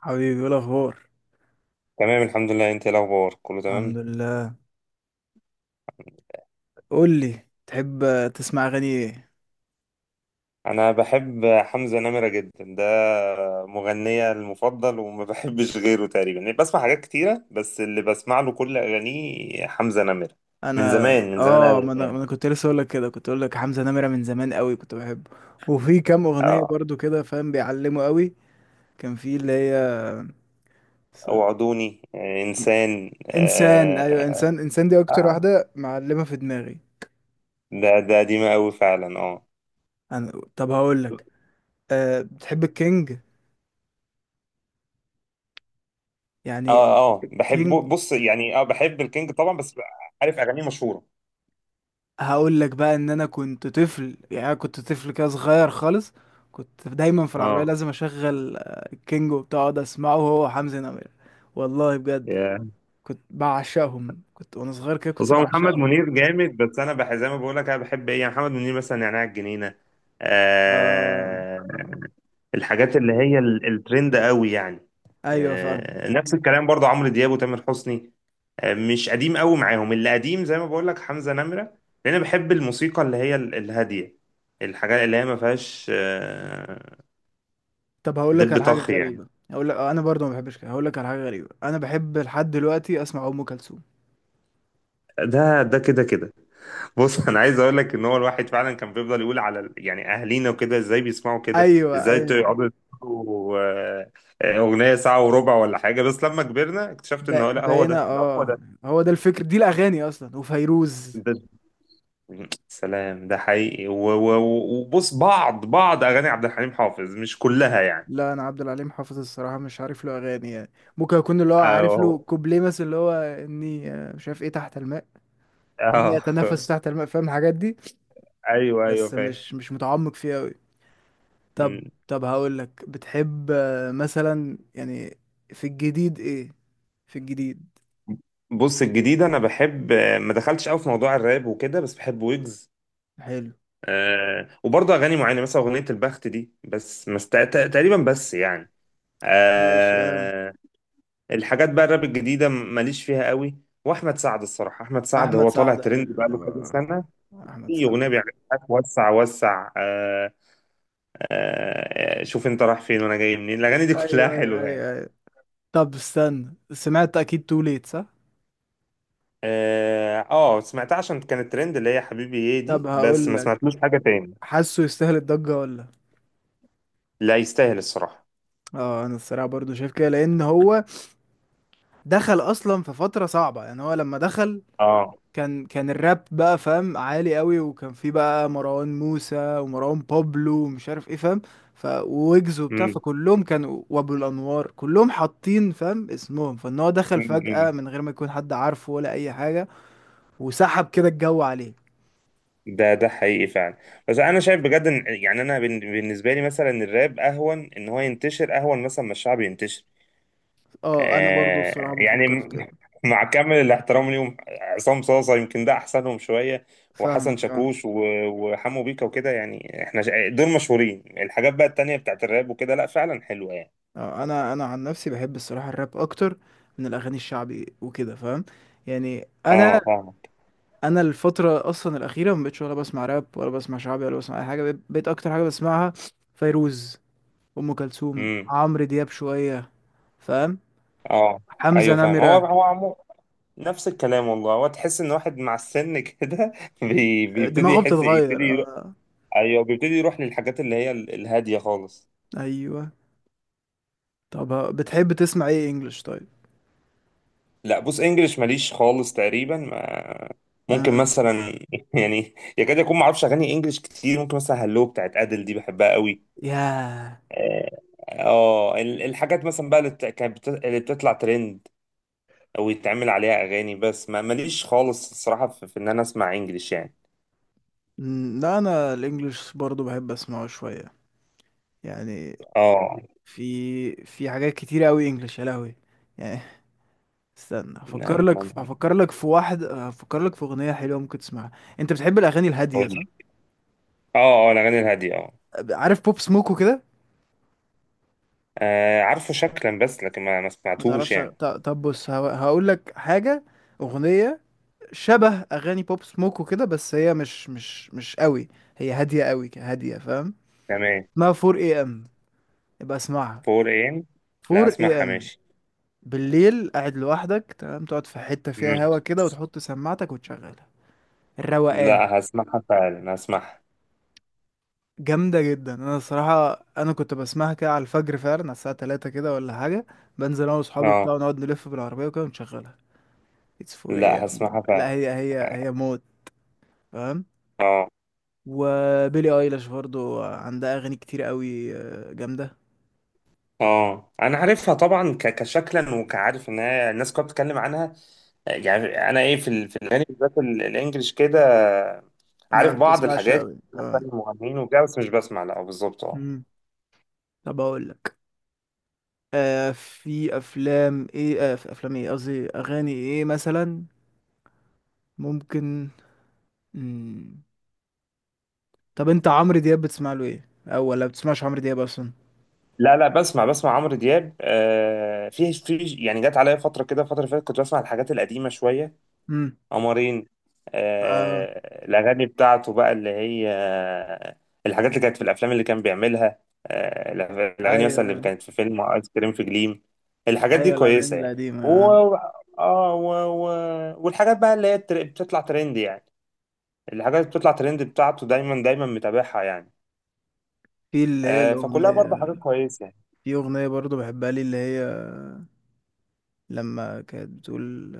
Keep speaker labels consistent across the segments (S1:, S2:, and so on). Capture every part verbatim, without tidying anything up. S1: حبيبي ايه الاخبار؟
S2: تمام، الحمد لله. انت ايه الاخبار؟ كله
S1: الحمد
S2: تمام؟
S1: لله. قول لي، تحب تسمع اغاني ايه؟
S2: انا بحب حمزة نمرة جدا، ده مغنية المفضل وما بحبش غيره تقريبا يعني، بسمع حاجات كتيرة بس اللي بسمع له كل اغانيه حمزة نمرة
S1: انا
S2: من زمان من زمان
S1: اه، ما
S2: قوي
S1: انا ما
S2: يعني.
S1: انا كنت لسه اقول لك كده، كنت اقول لك حمزة نمرة من زمان قوي كنت بحبه. وفي كام اغنية
S2: اه،
S1: برضو كده فاهم بيعلموا قوي. كان في اللي هي س-
S2: وعدوني، آه، انسان.
S1: انسان، ايوه،
S2: اه.
S1: انسان انسان دي اكتر
S2: آه،
S1: واحدة معلمة في دماغي.
S2: ده ده قديمة قوي فعلا، اه.
S1: انا طب هقول لك، أه بتحب الكينج يعني؟
S2: اه اه، بحبه.
S1: كينج،
S2: بص يعني، اه بحب الكينج طبعا، بس عارف اغانيه مشهورة.
S1: هقول لك بقى ان انا كنت طفل، يعني أنا كنت طفل كده صغير خالص، كنت دايما في العربيه
S2: اه،
S1: لازم اشغل آه، الكينج وبتاع، اقعد اسمعه هو وحمزة نمرة. والله بجد كنت بعشقهم، كنت وانا صغير كده
S2: بص
S1: كنت
S2: هو محمد
S1: بعشقهم.
S2: منير جامد، بس انا بح زي ما بقول لك، انا بحب ايه يعني؟ محمد منير مثلا نعناع الجنينه،
S1: آه،
S2: آه، الحاجات اللي هي ال- الترند قوي يعني.
S1: ايوه فاهم.
S2: آه نفس الكلام برضه، عمرو دياب وتامر حسني. آه مش قديم قوي معاهم، اللي قديم زي ما بقول لك حمزه نمره، لان انا بحب الموسيقى اللي هي ال- الهاديه، الحاجات اللي هي ما فيهاش آه
S1: طب هقول لك
S2: دب
S1: على حاجه
S2: طخ يعني.
S1: غريبه، هقول لك انا برضو ما بحبش كده، هقول لك على حاجه غريبه، انا بحب لحد دلوقتي اسمع ام كلثوم.
S2: ده ده كده كده. بص، انا عايز اقول لك ان هو الواحد فعلا كان بيفضل يقول على ال- يعني اهالينا وكده ازاي بيسمعوا كده،
S1: ايوه
S2: ازاي
S1: ايوه،
S2: يقعدوا يسمعوا آه، آه، اغنيه ساعه وربع ولا حاجه. بس لما كبرنا اكتشفت ان
S1: ب-
S2: هو لا، هو
S1: بقينا
S2: ده. ده هو
S1: اه.
S2: ده
S1: هو ده الفكر، دي الاغاني اصلا، وفيروز.
S2: ده سلام، ده حقيقي و- و- و- وبص، بعض بعض اغاني عبد الحليم حافظ مش كلها يعني.
S1: لا انا عبد العليم حافظ الصراحه مش عارف له اغاني يعني. ممكن اكون اللي هو عارف
S2: اه،
S1: له كوبليه مثلا، اللي هو اني آه، مش عارف ايه، تحت الماء، اني
S2: اه
S1: اتنفس تحت الماء، فاهم الحاجات دي.
S2: ايوه، ايوه
S1: بس
S2: فاهم.
S1: مش مش متعمق فيها قوي. طب،
S2: مم.
S1: طب هقول لك بتحب آه، مثلا يعني في الجديد ايه؟ في الجديد.
S2: بص الجديد، انا بحب، ما دخلتش قوي في موضوع الراب وكده بس بحب ويجز،
S1: حلو.
S2: آه وبرضه اغاني معينه مثلا اغنيه البخت دي، بس مست... تقريبا بس يعني.
S1: ماشي اه.
S2: آه الحاجات بقى الراب الجديده ماليش فيها قوي، واحمد سعد الصراحه، احمد سعد
S1: احمد
S2: هو طالع
S1: سعد
S2: ترند بقى
S1: حلو
S2: له كذا
S1: آه.
S2: سنه.
S1: احمد
S2: في
S1: سعد
S2: اغنيه
S1: حلو.
S2: بيعملها وسع وسع، آه آه شوف انت رايح فين وانا جاي منين، الاغاني دي كلها
S1: ايوه ايوه
S2: حلوه يعني.
S1: ايوه ايوه. طب استنى، سمعت اكيد تو ليت صح؟
S2: اه، آه، سمعتها عشان كانت ترند، اللي هي حبيبي ايه
S1: طب
S2: دي، بس
S1: هقول
S2: ما
S1: لك،
S2: سمعتلوش حاجه تاني.
S1: حاسه يستاهل الضجه ولا لأ؟
S2: لا، يستاهل الصراحه.
S1: اه انا الصراحه برضو شايف كده، لان هو دخل اصلا في فتره صعبه، يعني هو لما دخل
S2: اه.
S1: كان كان الراب بقى فاهم عالي قوي، وكان في بقى مروان موسى ومروان بابلو ومش عارف ايه فاهم، ف ويجز وبتاع، فكلهم كانوا وابو الانوار كلهم حاطين فاهم اسمهم، فان هو دخل
S2: امم
S1: فجأة من غير ما يكون حد عارفه ولا اي حاجه، وسحب كده الجو عليه.
S2: ده ده حقيقي فعلا. بس انا شايف بجد ان يعني، انا بن- بالنسبه لي مثلا الراب اهون ان هو ينتشر، اهون مثلا ما الشعب ينتشر.
S1: اه انا برضو الصراحه
S2: آه يعني
S1: بفكر في
S2: م-
S1: كده.
S2: مع كامل الاحترام ليهم، عصام صاصه يمكن ده احسنهم شويه، وحسن
S1: فاهمك اه.
S2: شاكوش و- وحمو بيكا وكده، يعني احنا شا- دول مشهورين. الحاجات بقى التانيه بتاعت الراب وكده لا فعلا حلوه يعني.
S1: اه انا انا عن نفسي بحب الصراحه الراب اكتر من الاغاني الشعبي وكده فاهم، يعني انا.
S2: اه فاهم.
S1: انا الفتره اصلا الاخيره ما بقتش ولا بسمع راب ولا بسمع شعبي ولا بسمع اي حاجه، بقيت بقيت اكتر حاجه بسمعها فيروز، ام كلثوم،
S2: امم.
S1: عمرو دياب شويه، فاهم،
S2: اه،
S1: حمزه
S2: ايوه فاهم.
S1: نمره.
S2: هو هو عمو، نفس الكلام والله، هو تحس ان واحد مع السن كده بي-
S1: آه،
S2: بيبتدي
S1: دماغه
S2: يحس،
S1: بتتغير
S2: يبتدي.
S1: اه.
S2: ايوه، بيبتدي يروح للحاجات اللي هي ال- الهاديه خالص.
S1: ايوه. طب، ه- بتحب تسمع ايه انجلش طيب؟
S2: لا، بص، انجلش ماليش خالص تقريبا، ما ممكن
S1: اه.
S2: مثلا يعني، يكاد يكون ما اعرفش اغاني انجلش كتير. ممكن مثلا هلو بتاعت ادل دي بحبها قوي.
S1: ياه.
S2: اه، آه، ال- الحاجات مثلا بقى اللي بت- كانت بت- اللي بتطلع ترند، او يتعمل عليها اغاني، بس ما ماليش خالص الصراحه في, في ان انا اسمع انجلش يعني.
S1: مم، لا انا الانجليش برضو بحب اسمعه شويه يعني.
S2: اه.
S1: في في حاجات كتير قوي انجلش يا لهوي يعني. استنى، افكر
S2: نعم.
S1: لك، افكر لك في واحد، افكر لك في اغنيه حلوه ممكن تسمعها. انت بتحب الاغاني الهاديه صح؟
S2: اه، اه، الاغاني الهاديه، اه.
S1: عارف بوب سموك وكده؟
S2: آه، عارفه شكلا، بس لكن ما ما
S1: ما
S2: سمعتوش
S1: تعرفش؟
S2: يعني.
S1: ط- طب بص هقول لك حاجه، اغنيه شبه اغاني بوب سموك وكده، بس هي مش مش مش قوي، هي هاديه قوي، ك- هاديه فاهم.
S2: تمام.
S1: اسمها فور اي ام اي ام، يبقى اسمعها.
S2: فور ايه؟ لا،
S1: فور اي ام اي
S2: هسمعها
S1: ام
S2: ماشي.
S1: بالليل، قاعد لوحدك، تمام، تقعد في حته فيها
S2: مم.
S1: هوا كده وتحط سماعتك وتشغلها، الروقان.
S2: لا، هسمعها فعلا، هسمعها.
S1: جامدة جدا، انا الصراحة انا كنت بسمعها كده على الفجر فعلا، على الساعة تلاتة كده ولا حاجة، بنزل انا واصحابي
S2: اه.
S1: بتاع ونقعد نلف بالعربية وكده ونشغلها. اتس فور ايه يا
S2: لا،
S1: عم؟
S2: هسمعها فعلا.
S1: لا هي، هي هي موت فاهم.
S2: اه.
S1: وبيلي ايلاش برضو عندها اغاني كتير قوي آه، جامدة.
S2: اه، انا عارفها طبعا، ك... كشكلا وكعارف ان هي الناس كلها بتتكلم عنها، يعني انا ايه، في ال... في الاغاني بالذات ال- الانجليش كده،
S1: ما
S2: عارف بعض
S1: بتسمعش
S2: الحاجات،
S1: قوي اه.
S2: أسامي المغنيين وكده، بس مش بسمع لا بالظبط، اه.
S1: مم. طب اقول لك، آه في افلام ايه، آه في افلام ايه، قصدي اغاني ايه مثلا ممكن. مم. طب انت عمرو دياب بتسمع له ايه، او ولا بتسمعش عمرو دياب اصلا؟
S2: لا لا، بسمع، بسمع عمرو دياب، آه في في يعني، جت عليا فتره كده، الفتره اللي فاتت كنت بسمع الحاجات القديمه شويه، قمرين،
S1: اه
S2: آه، الأغاني بتاعته بقى اللي هي، آه، الحاجات اللي كانت في الأفلام اللي كان بيعملها، آه، الأغاني مثلا اللي
S1: ايوه
S2: كانت في فيلم آيس كريم في جليم، الحاجات دي
S1: ايوه الاغاني
S2: كويسة يعني.
S1: القديمه
S2: و...
S1: آه.
S2: آه و... و... والحاجات بقى اللي هي التر- بتطلع ترند يعني، الحاجات اللي بتطلع ترند بتاعته دايما دايما متابعها يعني،
S1: في اللي هي
S2: آه، فكلها
S1: الاغنيه،
S2: برضه حاجات كويسة يعني.
S1: في اغنيه برضو بحبها لي، اللي هي لما كانت بتقول،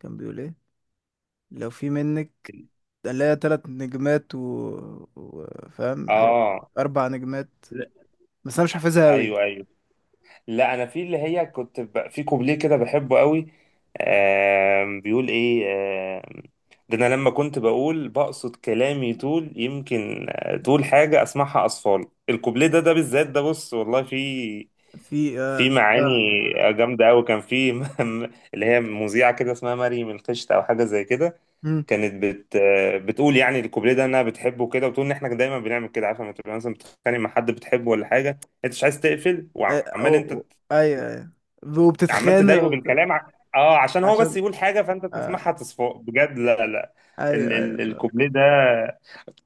S1: كان بيقول ايه، لو في منك، اللي هي تلات نجمات و... و... فاهم حاجة،
S2: اه،
S1: اربع نجمات، بس انا مش حافظها قوي.
S2: ايوه، ايوه. لا، انا في اللي هي كنت ب... في كوبليه كده بحبه قوي. آم، بيقول ايه؟ آم، ده انا لما كنت بقول بقصد كلامي طول يمكن، آه، طول حاجه اسمعها، اطفال، الكوبليه ده ده بالذات، ده بص والله في،
S1: في
S2: في
S1: اه
S2: معاني
S1: فاهمك.
S2: جامده قوي. كان في م- اللي هي مذيعه كده اسمها مريم القشط او حاجه زي كده،
S1: مم.
S2: كانت بت آه، بتقول يعني الكوبليه ده انها بتحبه كده، وتقول ان احنا دايما بنعمل كده، عارفه لما تبقى مثلا بتتخانق مع حد بتحبه ولا حاجه، انت مش عايز تقفل،
S1: أي...
S2: وعمال
S1: أو...
S2: انت
S1: أو، ايوه ايوه،
S2: عمال
S1: وبتتخانق
S2: تضايقه
S1: وبت...
S2: بالكلام ع... اه عشان هو بس
S1: عشان
S2: يقول حاجه، فانت
S1: آه.
S2: تسمعها، تصفق بجد. لا، لا،
S1: ايوه
S2: ال ال
S1: ايوه.
S2: الكوبليه ده،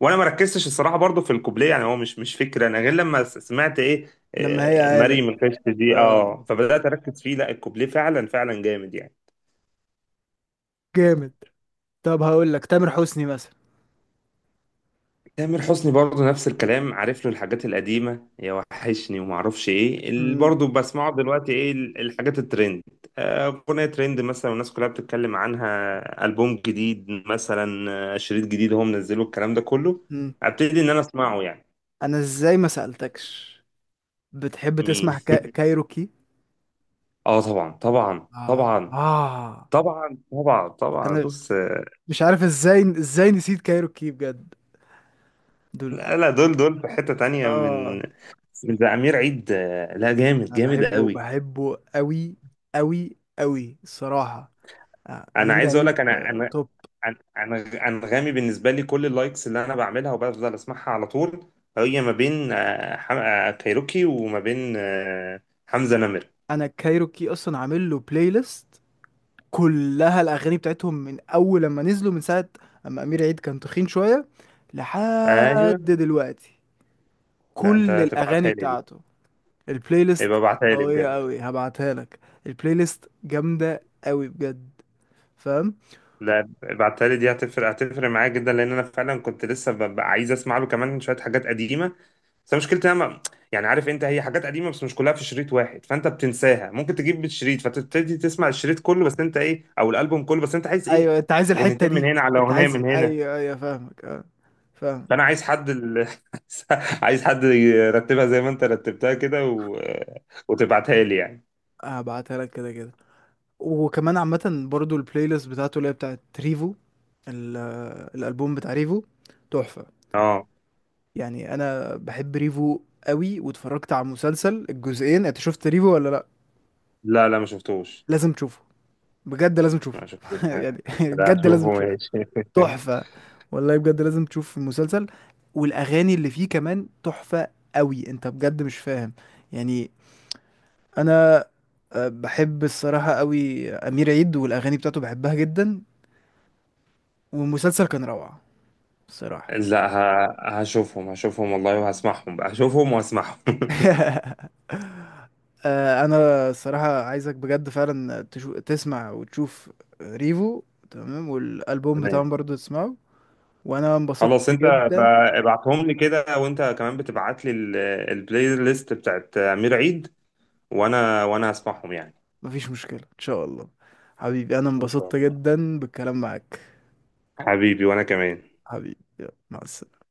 S2: وانا ما ركزتش الصراحه برضو في الكوبليه، يعني هو مش مش فكره انا، غير لما س- سمعت ايه،
S1: لما هي
S2: آه، مريم
S1: عالم
S2: القشط دي،
S1: آه.
S2: اه، فبدات اركز فيه، لا، الكوبليه فعلا فعلا جامد يعني.
S1: جامد. طب هقول لك تامر حسني مثلا.
S2: تامر حسني برضه نفس الكلام، عارف له الحاجات القديمة، يا وحشني وما اعرفش ايه، اللي
S1: مم.
S2: برضه بسمعه دلوقتي ايه، ال- الحاجات الترند، آه، أغنية ترند مثلا والناس كلها بتتكلم عنها، ألبوم جديد مثلا، آه، شريط جديد هو منزله، الكلام ده كله
S1: مم.
S2: ابتدي ان انا اسمعه يعني.
S1: انا ازاي ما سألتكش، بتحب
S2: مين؟
S1: تسمع كا... كايروكي؟
S2: اه طبعا طبعا
S1: اه
S2: طبعا،
S1: اه.
S2: طبعا طبعا طبعا،
S1: انا
S2: بص. آه،
S1: مش عارف ازاي ازاي نسيت كايروكي بجد، دول.
S2: لا لا، دول دول في حتة تانية من،
S1: اه
S2: من ده أمير عيد، آه، لا، جامد
S1: انا
S2: جامد
S1: بحبه
S2: قوي.
S1: بحبه قوي، قوي قوي الصراحة. آه،
S2: انا
S1: امير
S2: عايز اقول لك،
S1: عيد
S2: انا
S1: آه،
S2: انا
S1: توب.
S2: عن- عن- انغامي، بالنسبه لي كل اللايكس اللي انا بعملها وبفضل اسمعها على طول، هي ما بين آه، حم... آه، كايروكي وما بين آه، حمزه نمر.
S1: انا كايروكي اصلا عامل له بلاي ليست كلها الاغاني بتاعتهم من اول لما نزلوا من ساعة، اما امير عيد كان تخين شوية
S2: ايوه.
S1: لحد دلوقتي،
S2: لا،
S1: كل
S2: انت تبعتها
S1: الاغاني
S2: لي دي،
S1: بتاعته البلاي
S2: يبقى
S1: ليست
S2: ابعتها لي
S1: قوية
S2: بجد.
S1: أوي، هبعتها لك. البلاي ليست جامدة أوي بجد فاهم.
S2: لا، ابعتها لي دي، هتفرق هتفرق معايا جدا، لان انا فعلا كنت لسه ببقى عايز اسمع له كمان شويه حاجات قديمه، بس مشكلتي انا ما- يعني عارف انت، هي حاجات قديمه بس مش كلها في شريط واحد، فانت بتنساها، ممكن تجيب بالشريط فتبتدي تسمع الشريط كله، بس انت ايه؟ او الالبوم كله، بس انت عايز ايه؟
S1: أيوة، أنت عايز الحتة
S2: اغنيتين من
S1: دي.
S2: هنا، على
S1: أنت
S2: اغنيه
S1: عايز،
S2: من هنا.
S1: أيوة أيوة فاهمك أه، فاهم.
S2: فانا عايز حد ال... عايز حد يرتبها زي ما انت رتبتها كده و... وتبعتها لي يعني.
S1: هبعتها لك كده كده، وكمان عامة برضو البلاي ليست بتاعته اللي هي بتاعت ريفو، ال- الألبوم بتاع ريفو تحفة،
S2: اه.
S1: يعني أنا بحب ريفو أوي، واتفرجت على مسلسل الجزئين. أنت شفت ريفو ولا لأ؟
S2: لا لا، ما شفتوش،
S1: لازم تشوفه، بجد لازم تشوفه
S2: ما شفتوش.
S1: يعني
S2: لا،
S1: بجد
S2: اشوفه
S1: لازم تشوفه،
S2: ماشي.
S1: تحفة والله، بجد لازم تشوف المسلسل، والأغاني اللي فيه كمان تحفة قوي، انت بجد مش فاهم يعني. انا آه، بحب الصراحة قوي أمير عيد، والأغاني بتاعته بحبها جدا، والمسلسل كان روعة الصراحة.
S2: لا، ه... هشوفهم هشوفهم والله، وهسمعهم بقى، هشوفهم وهسمعهم
S1: آه، أنا الصراحة عايزك بجد فعلا تشو... تسمع وتشوف ريفو، تمام، والألبوم
S2: تمام.
S1: بتاعهم برضو تسمعه. وأنا
S2: خلاص،
S1: انبسطت
S2: انت، ب-
S1: جدا.
S2: ابعتهم لي كده، وانت كمان بتبعت لي ال- البلاي ليست بتاعت امير عيد، وانا وانا هسمعهم يعني.
S1: مفيش مشكلة إن شاء الله، حبيبي أنا
S2: ان شاء
S1: انبسطت
S2: الله،
S1: جدا بالكلام معاك.
S2: حبيبي. وانا كمان.
S1: حبيبي يلا، مع السلامة.